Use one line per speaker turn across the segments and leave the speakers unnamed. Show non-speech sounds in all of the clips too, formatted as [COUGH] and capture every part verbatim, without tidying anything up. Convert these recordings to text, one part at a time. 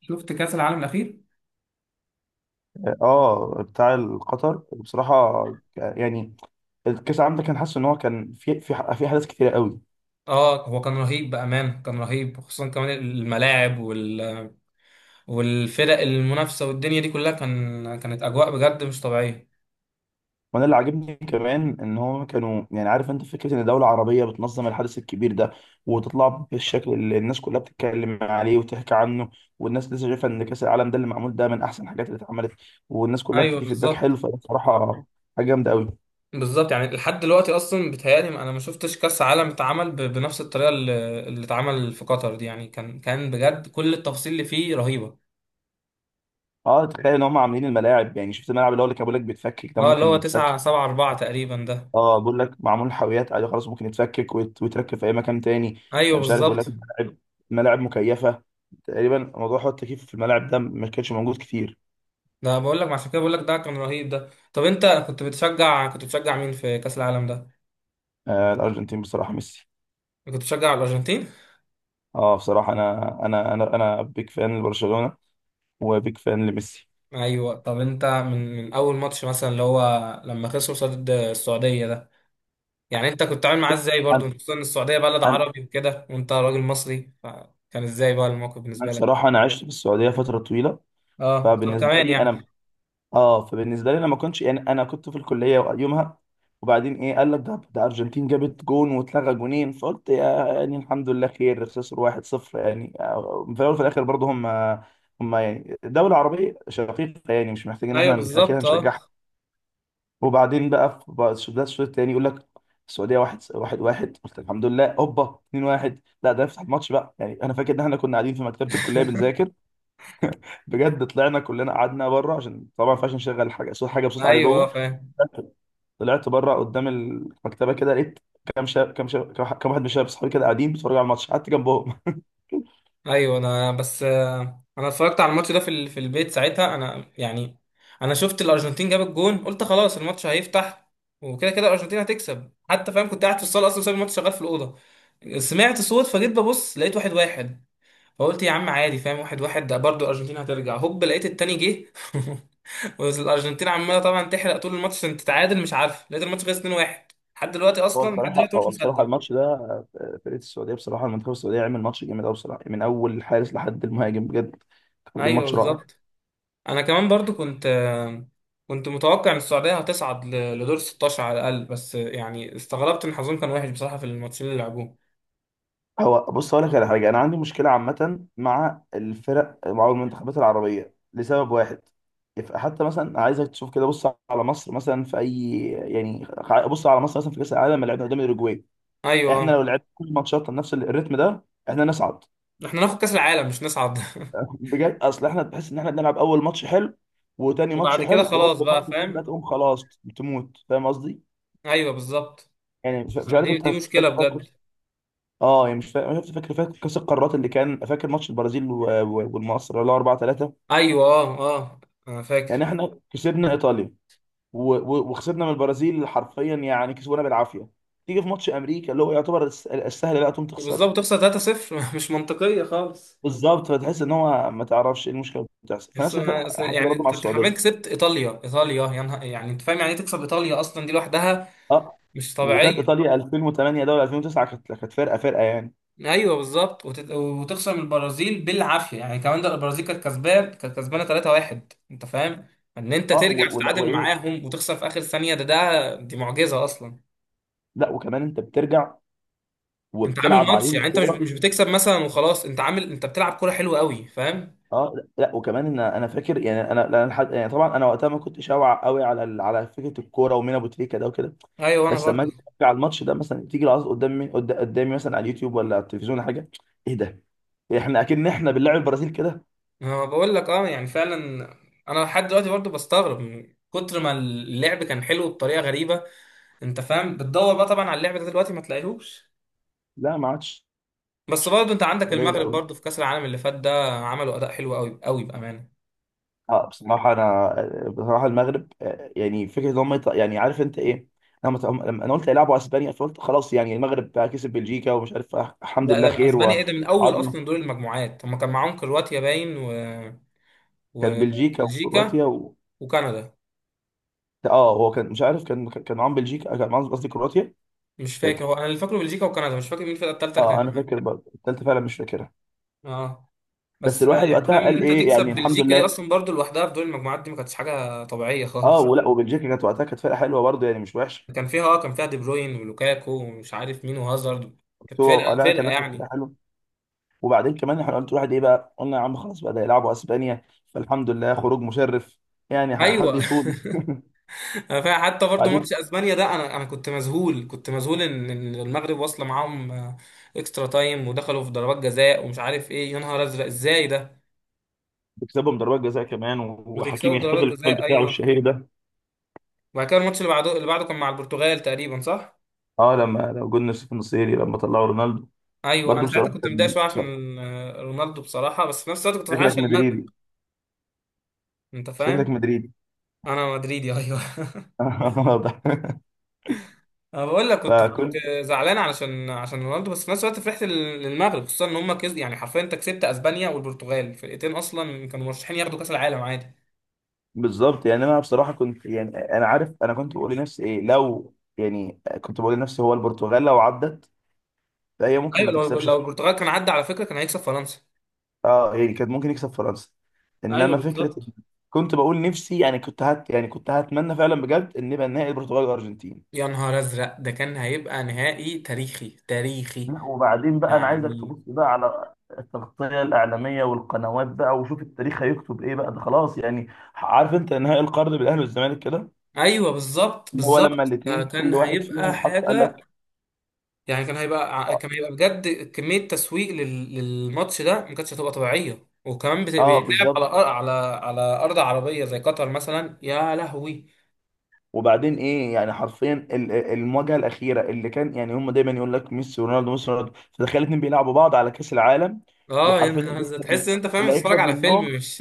شفت كأس العالم الأخير؟
اه، بتاع القطر بصراحه. يعني الكاس العالم ده، كان حاسس ان هو كان في في في احداث كتيره قوي.
اه، هو كان رهيب بأمان، كان رهيب خصوصا كمان الملاعب وال... والفرق المنافسة والدنيا دي كلها كان كانت أجواء بجد مش طبيعية.
وانا اللي عاجبني كمان ان هم كانوا، يعني عارف انت فكره ان دوله عربيه بتنظم الحدث الكبير ده، وتطلع بالشكل اللي الناس كلها بتتكلم عليه وتحكي عنه. والناس لسه شايفه ان كاس العالم ده اللي معمول ده من احسن الحاجات اللي اتعملت، والناس كلها
ايوه،
بتدي فيدباك حلو.
بالظبط.
فبصراحه حاجه جامده قوي.
بالظبط، يعني لحد دلوقتي اصلا بيتهيألي انا ما شفتش كاس عالم اتعمل ب- بنفس الطريقه اللي اللي اتعمل في قطر دي، يعني كان كان بجد كل التفاصيل اللي فيه رهيبه.
اه، تخيل ان هم عاملين الملاعب. يعني شفت الملعب اللي هو اللي كان بيقول لك بيتفكك ده
اه، اللي
ممكن
هو 9
يتفكك.
7 4 تقريبا ده.
اه، بقول لك معمول حاويات، عادي خلاص ممكن يتفكك ويت- ويتركب في اي مكان تاني. آه،
ايوه،
مش عارف بقول لك
بالظبط.
ملاعب، ملاعب مكيفه. تقريبا موضوع حوار التكييف في الملاعب ده ما كانش موجود كتير.
ده بقول لك عشان كده، بقول لك ده كان رهيب ده. طب انت كنت بتشجع كنت بتشجع مين في كاس العالم ده؟
آه، الارجنتين بصراحه، ميسي.
كنت بتشجع الأرجنتين؟
اه، بصراحه انا انا انا انا بيك فان لبرشلونه، وبيك فان لميسي.
أيوة. طب أنت من من أول ماتش مثلا اللي هو لما خسروا قصاد السعودية ده، يعني أنت كنت عامل معاه إزاي برضه،
انا
خصوصا إن السعودية بلد
انا
عربي وكده وأنت راجل مصري، فكان إزاي بقى الموقف
أنا
بالنسبة لك؟
بصراحه انا عشت في السعوديه فتره طويله.
أه، طب
فبالنسبه
كمان
لي
يعني.
انا، اه، فبالنسبه لي انا ما كنتش، يعني انا كنت في الكليه يومها. وبعدين، ايه؟ قال لك ده، ده ارجنتين جابت جون واتلغى جونين، فقلت يا، يعني الحمد لله خير، خسر واحد صفر. يعني آه، في الاول وفي الاخر برضه هم هم يعني دوله عربيه شقيقه، يعني مش محتاجين ان
أيوة
احنا اكيد
بالظبط أه.
هنشجعها. وبعدين بقى، في بقى الش- ده الشوط الثاني، يقول لك السعوديه واحد واحد واحد، قلت الحمد لله، هوبا اتنين واحد. لا، ده يفتح الماتش بقى. يعني انا فاكر ان احنا كنا قاعدين في مكتبه الكليه بنذاكر. بجد طلعنا كلنا، قعدنا بره، عشان طبعا ما ينفعش نشغل حاجه صوت، حاجه بصوت عالي
أيوة، آه،
جوه.
فاهم.
طلعت بره قدام المكتبه كده، لقيت كام شاب كام شاب كام واحد من شباب صحابي كده قاعدين بيتفرجوا على الماتش، قعدت جنبهم.
ايوه، انا بس آه، انا اتفرجت على الماتش ده في ال- في البيت ساعتها، انا يعني انا شفت الارجنتين جاب الجون، قلت خلاص الماتش هيفتح وكده كده الارجنتين هتكسب، حتى فاهم كنت قاعد في الصاله اصلا سايب الماتش شغال في الاوضه. سمعت صوت فجيت ببص، لقيت واحد واحد، فقلت يا عم عادي فاهم، واحد واحد ده برضه الارجنتين هترجع، هوب لقيت التاني جه. [LAUGHS] والارجنتين عماله طبعا تحرق طول الماتش عشان تتعادل، مش عارف، لقيت الماتش خلص اتنين واحد. لحد دلوقتي
[LAUGHS] هو
اصلا، لحد
بصراحه
دلوقتي مش
هو بصراحه
مصدق.
الماتش ده آه، فرقه السعوديه بصراحه، المنتخب السعوديه عمل ماتش جامد قوي بصراحه، من اول الحارس لحد المهاجم بجد. كان دي
ايوه،
ماتش رائع.
بالظبط. انا كمان برضو كنت كنت متوقع ان السعوديه هتصعد ل- لدور ستاشر على الاقل، بس يعني استغربت ان حظهم كان وحش بصراحه في الماتشين اللي لعبوه.
هو بص، اقول لك على حاجه. انا عندي مشكله عامه مع الفرق، مع المنتخبات العربيه لسبب واحد. يف- حتى مثلا عايزك تشوف كده، بص على مصر مثلا في اي، يعني خ- بص على مصر مثلا في كاس العالم اللي لعبنا قدام اوروجواي. احنا
ايوه.
لو لعبنا كل ماتشاتنا بنفس الريتم ده، احنا نصعد.
احنا ناخد كاس العالم مش نصعد.
[LAUGHS] بجد اصل احنا بتحس ان احنا بنلعب اول ماتش حلو،
[LAUGHS]
وتاني ماتش
وبعد كده
حلو، وهوب
خلاص بقى
الماتش التالت ده
فاهم.
تقوم خلاص بتموت. فاهم قصدي؟
ايوه، بالظبط.
يعني مش مش عارف
دي
انت.
دي
فاكر
مشكله
فاكر
بجد.
اه، يعني مش فاكر. شفت، فاكر فاكر كاس القارات اللي كان، فاكر ماتش البرازيل و- و- والمصر اللي هو اربعه تلاته؟
ايوه، اه، اه، انا
يعني
فاكر.
احنا كسبنا ايطاليا، و- و- وخسرنا من البرازيل حرفيا، يعني كسبونا بالعافيه. تيجي في ماتش امريكا اللي هو يعتبر الس- السهل، لا تقوم تخسر.
بالظبط، تخسر تلاته صفر. [LAUGHS] مش منطقيه خالص.
بالظبط، فتحس ان هو ما تعرفش ايه المشكله اللي بتحصل.
بس
فنفس
أنا-
الفرق
أصل
حصل ده
يعني
برضه مع
انت أنت حرفيا
السعوديه.
كسبت ايطاليا ايطاليا يا نهار، يعني انت فاهم يعني إيه تكسب ايطاليا اصلا دي لوحدها.
اه،
مش
وكانت
طبيعيه.
ايطاليا ألفين وتمانيه ده ولا ألفين وتسعه، كانت كانت فرقه فرقه يعني.
ايوه بالظبط. وت- وتخسر من البرازيل بالعافيه يعني. كمان ده البرازيل كانت كسبان كانت كسبانه ثلاثة واحد. انت فاهم ان انت
اه،
ترجع
و- ولا
تتعادل
وايه.
معاهم وتخسر في اخر ثانيه، ده ده دي معجزه اصلا.
لا وكمان انت بترجع
انت عامل
وبتلعب
ماتش
عليهم
يعني، انت مش
كوره.
مش بتكسب مثلا وخلاص، انت عامل انت بتلعب كوره حلوه قوي فاهم.
اه، لا لا، وكمان ان انا فاكر، يعني انا لا، أنا لحد- يعني طبعا انا وقتها ما كنتش اوعى قوي على ال- على فكره الكوره، ومين ابو تريكه ده وكده.
ايوه انا
بس لما
برضه.
اجي أتفرج على الماتش ده مثلا، تيجي العظ قدامي، قد- قدامي مثلا على اليوتيوب ولا على التلفزيون ولا حاجه. ايه ده؟ احنا اكن احنا بنلعب البرازيل كده.
انا بقول لك اه يعني فعلا. انا لحد دلوقتي برضه بستغرب من كتر ما اللعب كان حلو بطريقه غريبه. انت فاهم، بتدور بقى طبعا على اللعب ده دلوقتي ما تلاقيهوش.
لا، ما عادش.
بس برضه انت عندك
قليل
المغرب
قوي.
برضه في كاس العالم اللي فات ده، عملوا اداء حلو قوي قوي بامانه.
اه، بصراحة أنا، بصراحة المغرب آه، يعني فكرة إن هم يط- يعني عارف أنت إيه؟ لما ت- لما أنا قلت هيلعبوا أسبانيا، فقلت خلاص يعني المغرب بقى كسب بلجيكا ومش عارف. آه، الحمد
ده
لله
ده
خير
اسبانيا
و-
ايه ده؟ من اول
وعظمة.
اصلا دور المجموعات هم كان معاهم كرواتيا باين و...
كان بلجيكا
وبلجيكا
وكرواتيا و...
وكندا.
آه، هو كان مش عارف، كان كان معاهم بلجيكا آه، كان معاهم قصدي كرواتيا. مش
مش فاكر،
فاكر.
هو انا اللي فاكره بلجيكا وكندا، مش فاكر مين الفرقه الثالثه اللي
آه،
كانت
أنا
معاهم.
فاكر برضه، التالتة فعلا مش فاكرها.
اه.
بس
بس آه،
الواحد
يعني
وقتها
فاهم ان
قال
انت
إيه،
تكسب
يعني الحمد
بلجيكا دي
لله.
اصلا برضه لوحدها في دور المجموعات دي، ما كانتش حاجه طبيعيه
آه،
خالص.
ولا وبلجيكا كانت وقتها، كانت فرقة حلوة برضه، يعني مش وحشة.
كان فيها اه كان فيها دي بروين ولوكاكو ومش عارف مين وهازارد.
بس
كانت
هو آه،
فرقه،
لا كان،
فرقه
لا، كانت فرقة
يعني.
حلوة. وبعدين كمان احنا قلت واحد ايه بقى؟ قلنا يا عم خلاص بقى، ده يلعبوا اسبانيا. فالحمد لله خروج مشرف، يعني ح- حد
ايوه. [LAUGHS]
يطول.
انا فا- حتى برضو
بعدين
ماتش اسبانيا ده انا انا كنت مذهول، كنت مذهول ان إن المغرب واصله معاهم آه، اكسترا تايم ودخلوا في ضربات جزاء، ومش عارف ايه، يا نهار ازرق ازاي ده.
بيكسبهم ضربات جزاء كمان، و-
وتكسبوا
وحكيمي
ضربات
يحتفل بالفعل
جزاء،
بتاعه
ايوه.
الشهير ده.
وبعد كده الماتش اللي بعده اللي بعده كان مع البرتغال تقريبا، صح؟
اه، لما لو جولنا في النصيري لما طلعوا رونالدو.
ايوه. انا
برضو
ساعتها
بصراحه
كنت متضايق
كان
شويه
كان-
عشان آه، رونالدو بصراحه، بس في نفس الوقت كنت فرحان
شكلك
عشان المغرب.
مدريدي.
انت
شكلك
فاهم،
مدريدي.
انا مدريدي ايوه.
[LAUGHS] واضح.
انا بقول لك كنت كنت
فكنت.
زعلان علشان عشان رونالدو، بس في نفس الوقت فرحت لل- للمغرب خصوصا ان هم كز... يعني حرفيا انت كسبت اسبانيا والبرتغال، فرقتين اصلا كانوا مرشحين ياخدوا كاس العالم عادي.
بالظبط، يعني انا بصراحه كنت، يعني انا عارف، انا كنت بقول لنفسي ايه لو، يعني كنت بقول لنفسي هو البرتغال لو عدت، فهي ممكن ما
ايوه، لو
تكسبش.
لو البرتغال كان عدى على فكره كان هيكسب فرنسا.
اه، يعني كان ممكن يكسب فرنسا.
ايوه
انما فكره
بالظبط.
إن-. كنت بقول نفسي، يعني كنت هت، يعني كنت هتمنى فعلا بجد ان يبقى النهائي البرتغال والارجنتين.
يا نهار ازرق، ده كان هيبقى نهائي تاريخي، تاريخي
لا، وبعدين بقى، انا عايزك
يعني.
تبص بقى على التغطيه الاعلاميه والقنوات بقى، وشوف التاريخ هيكتب ايه بقى، ده خلاص يعني. عارف انت نهائي القرن بالاهلي والزمالك كده،
ايوه بالظبط،
اللي هو لما
بالظبط، ده
الاثنين
كان
كل واحد
هيبقى
فيهم حط قال
حاجه
لك.
يعني. كان هيبقى ع- كان هيبقى بجد كمية تسويق لل- للماتش ده ما كانتش هتبقى طبيعية، وكمان بت-
اه،
بيتلعب على
بالظبط.
أر- على على أرض عربية زي قطر مثلا يا لهوي.
وبعدين ايه يعني، حرفيا ال- ال- المواجهه الاخيره اللي كان، يعني هم دايما يقول لك ميسي ورونالدو، ميسي ورونالدو. فتخيل اتنين بيلعبوا بعض على كاس العالم.
اه، يا
وحرفيا
نهار
اللي
أزرق.
هيكسب
تحس
من،
إن أنت فاهم
اللي
بتتفرج
هيكسب
على فيلم
منهم،
مش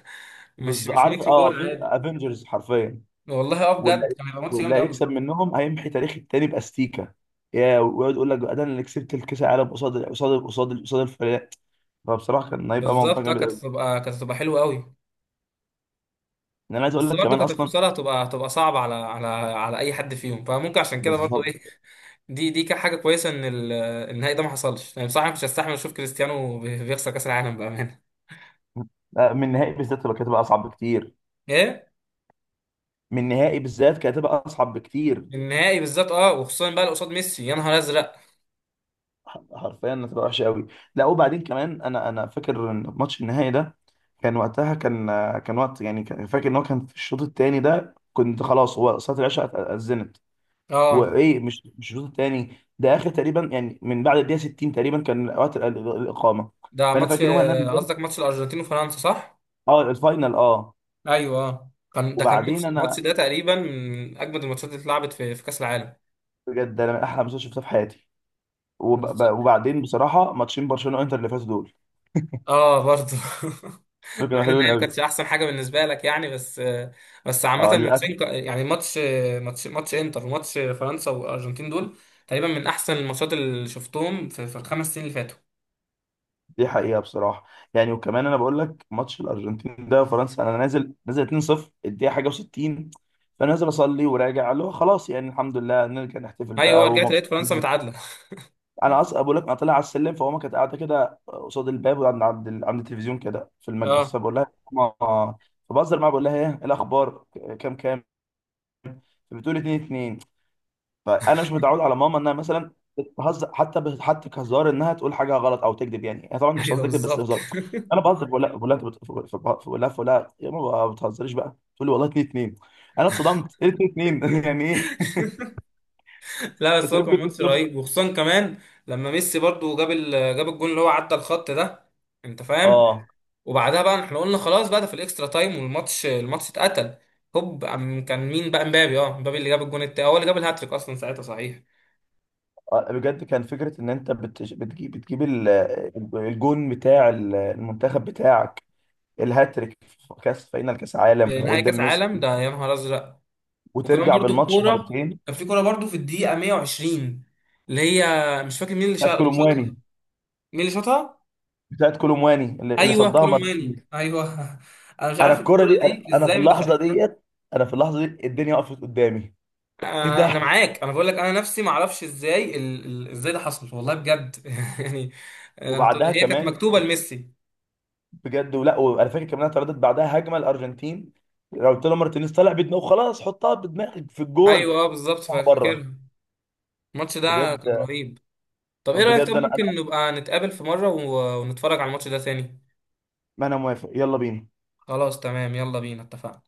[LAUGHS] مش
بز...
مش
عارف
ماتش
اه،
كورة عادي.
افنجرز حرفيا.
والله اه
واللي
بجد
هي-.
كان هيبقى ماتش
واللي
جامد قوي.
هيكسب منهم هيمحي تاريخ التاني باستيكا، يا، ويقعد يقول لك بقى ده انا اللي كسبت الكاس العالم قصاد قصاد قصاد قصاد الفريق. فبصراحه كان هيبقى موضوع
بالظبط اه،
جامد
كانت
قوي.
هتبقى كانت هتبقى حلوة قوي.
انا عايز اقول
بس
لك
برضه
كمان
كانت
اصلا.
الفصال هتبقى هتبقى صعبة على على على أي حد فيهم، فممكن عشان كده برضه
بالظبط.
إيه. دي دي كانت حاجة كويسة إن ال- النهائي ده ما حصلش، يعني بصراحة مش هستحمل أشوف كريستيانو بي- بيخسر كأس العالم بأمانة.
لا، من النهائي بالذات تبقى، كانت هتبقى اصعب بكتير.
إيه؟
من النهائي بالذات كانت هتبقى اصعب بكتير.
النهائي بالذات أه، وخصوصا بقى اللي قصاد ميسي يا نهار أزرق.
حرفيا هتبقى وحشه قوي. لا، وبعدين كمان، انا انا فاكر ان ماتش النهائي ده، كان وقتها كان، كان وقت يعني، كان- فاكر ان هو كان في الشوط الثاني ده، كنت خلاص، هو صلاه العشاء اذنت.
أه.
وايه، مش مش الشوط الثاني ده اخر تقريبا، يعني من بعد الدقيقه ستين تقريبا كان وقت ال- ال- الاقامه.
ده
فانا
ماتش
فاكر يومها ان انا نزلت.
قصدك ماتش الأرجنتين وفرنسا صح؟
اه، الفاينل اه.
أيوه أه، كان ده كان
وبعدين
ماتش الماتش
انا،
ده تقريبا من أجمد الماتشات اللي اتلعبت في في كأس العالم.
بجد انا من احلى ماتشات شفتها في حياتي. وب-
بالظبط.
ب- وبعدين بصراحه ماتشين برشلونه وانتر اللي فاتوا دول،
أه برضه. [LAUGHS]
دول
مع
كانوا
ان
حلوين
الاياب
قوي.
كانتش احسن حاجه بالنسبه لك يعني بس بس عامه
اه، للاسف.
الماتشين ك- يعني ماتش ماتش ماتش انتر وماتش فرنسا والارجنتين دول تقريبا من احسن الماتشات اللي شفتهم في, في الخمس سنين اللي فاتوا.
دي حقيقة بصراحة. يعني وكمان انا بقول لك ماتش الارجنتين ده فرنسا، انا نازل، نازل اتنين صفر الدقيقة حاجة و60. فنازل اصلي وراجع، اللي هو خلاص يعني الحمد لله نرجع نحتفل
ايوه،
بقى
رجعت لقيت فرنسا
ومبسوطين.
متعادله.
انا اصلا بقول لك، انا طالع على السلم، فماما كانت قاعدة كده قصاد الباب عند عند ال- عند التلفزيون كده في المجلس.
اه،
فبقول لها ماما. فبهزر معاها بقول لها ايه، إيه الاخبار؟ كام كام؟ فبتقول اتنين اتنين. فانا مش متعود على ماما انها مثلا بتهزر، حتى ب، حتى كهزار، انها تقول حاجه غلط او تكذب. يعني هي طبعا مش
ايوه
قصدي تكذب، بس
بالظبط.
هزار.
[LAUGHS]
انا بهزر بقول لها بقول لها انت بت- ف- ف- بقول لها، بقول لها يا ماما ما بتهزريش بقى، تقول لي والله اتنين اتنين. انا اتصدمت، ايه اتنين؟ اتنين؟ [LAUGHS] يعني ايه؟
لا،
[LAUGHS]
بس
انت
هو كان
يمكن
ماتش
تكسب.
رهيب، وخصوصا كمان لما ميسي برضو جاب ال... جاب الجون اللي هو عدى الخط ده. انت فاهم،
اه،
وبعدها بقى احنا قلنا خلاص بقى ده في الاكسترا تايم، والماتش الماتش اتقتل. هوب أم- كان مين بقى امبابي اه امبابي اللي جاب الجون التاني هو اللي جاب الهاتريك اصلا ساعتها، صحيح؟
آه، بجد كان فكره ان انت بتج- بتجيب بتجيب ال- الجون بتاع ال- المنتخب بتاعك، الهاتريك في كاس فاينل كاس عالم
يعني نهائي كاس
وقدام ميسي،
عالم ده يا نهار ازرق. وكمان
وترجع
برضو
بالماتش
الكوره،
مرتين.
كان في كوره برضو في الدقيقه مائة وعشرين اللي هي مش فاكر مين اللي
بتاعت
شا- اللي شاطها.
كولومواني
مين اللي شاطها؟
بتاعت كولومواني اللي, اللي
ايوه
صدها
كولو مواني،
مرتين.
ايوه. [LAUGHS] انا مش
انا
عارف
الكرة
الكوره
دي انا،
دي
أنا في
ازاي ما
اللحظة
دخلتش.
ديت، انا في اللحظة دي الدنيا وقفت قدامي. ايه
آه، انا
ده؟
معاك. انا بقول لك انا نفسي ما اعرفش ازاي ال... ال... ازاي ده حصل والله بجد. [LAUGHS] يعني آه، انت
وبعدها
هي كانت
كمان،
مكتوبه لميسي.
بجد ولا، وانا فاكر كمان انا اترددت بعدها، هجمة الارجنتين، راوتيلو مارتينيز طالع بدماغه، خلاص حطها بدماغك في الجون،
ايوه اه بالظبط،
طلع
فا-
بره.
فاكرها. الماتش ده
بجد
كان رهيب. طب ايه رايك، طب
بجد انا انا
ممكن نبقى نتقابل في مره و... ونتفرج على الماتش ده ثاني؟
ما انا موافق، يلا بينا.
خلاص تمام، يلا بينا اتفقنا.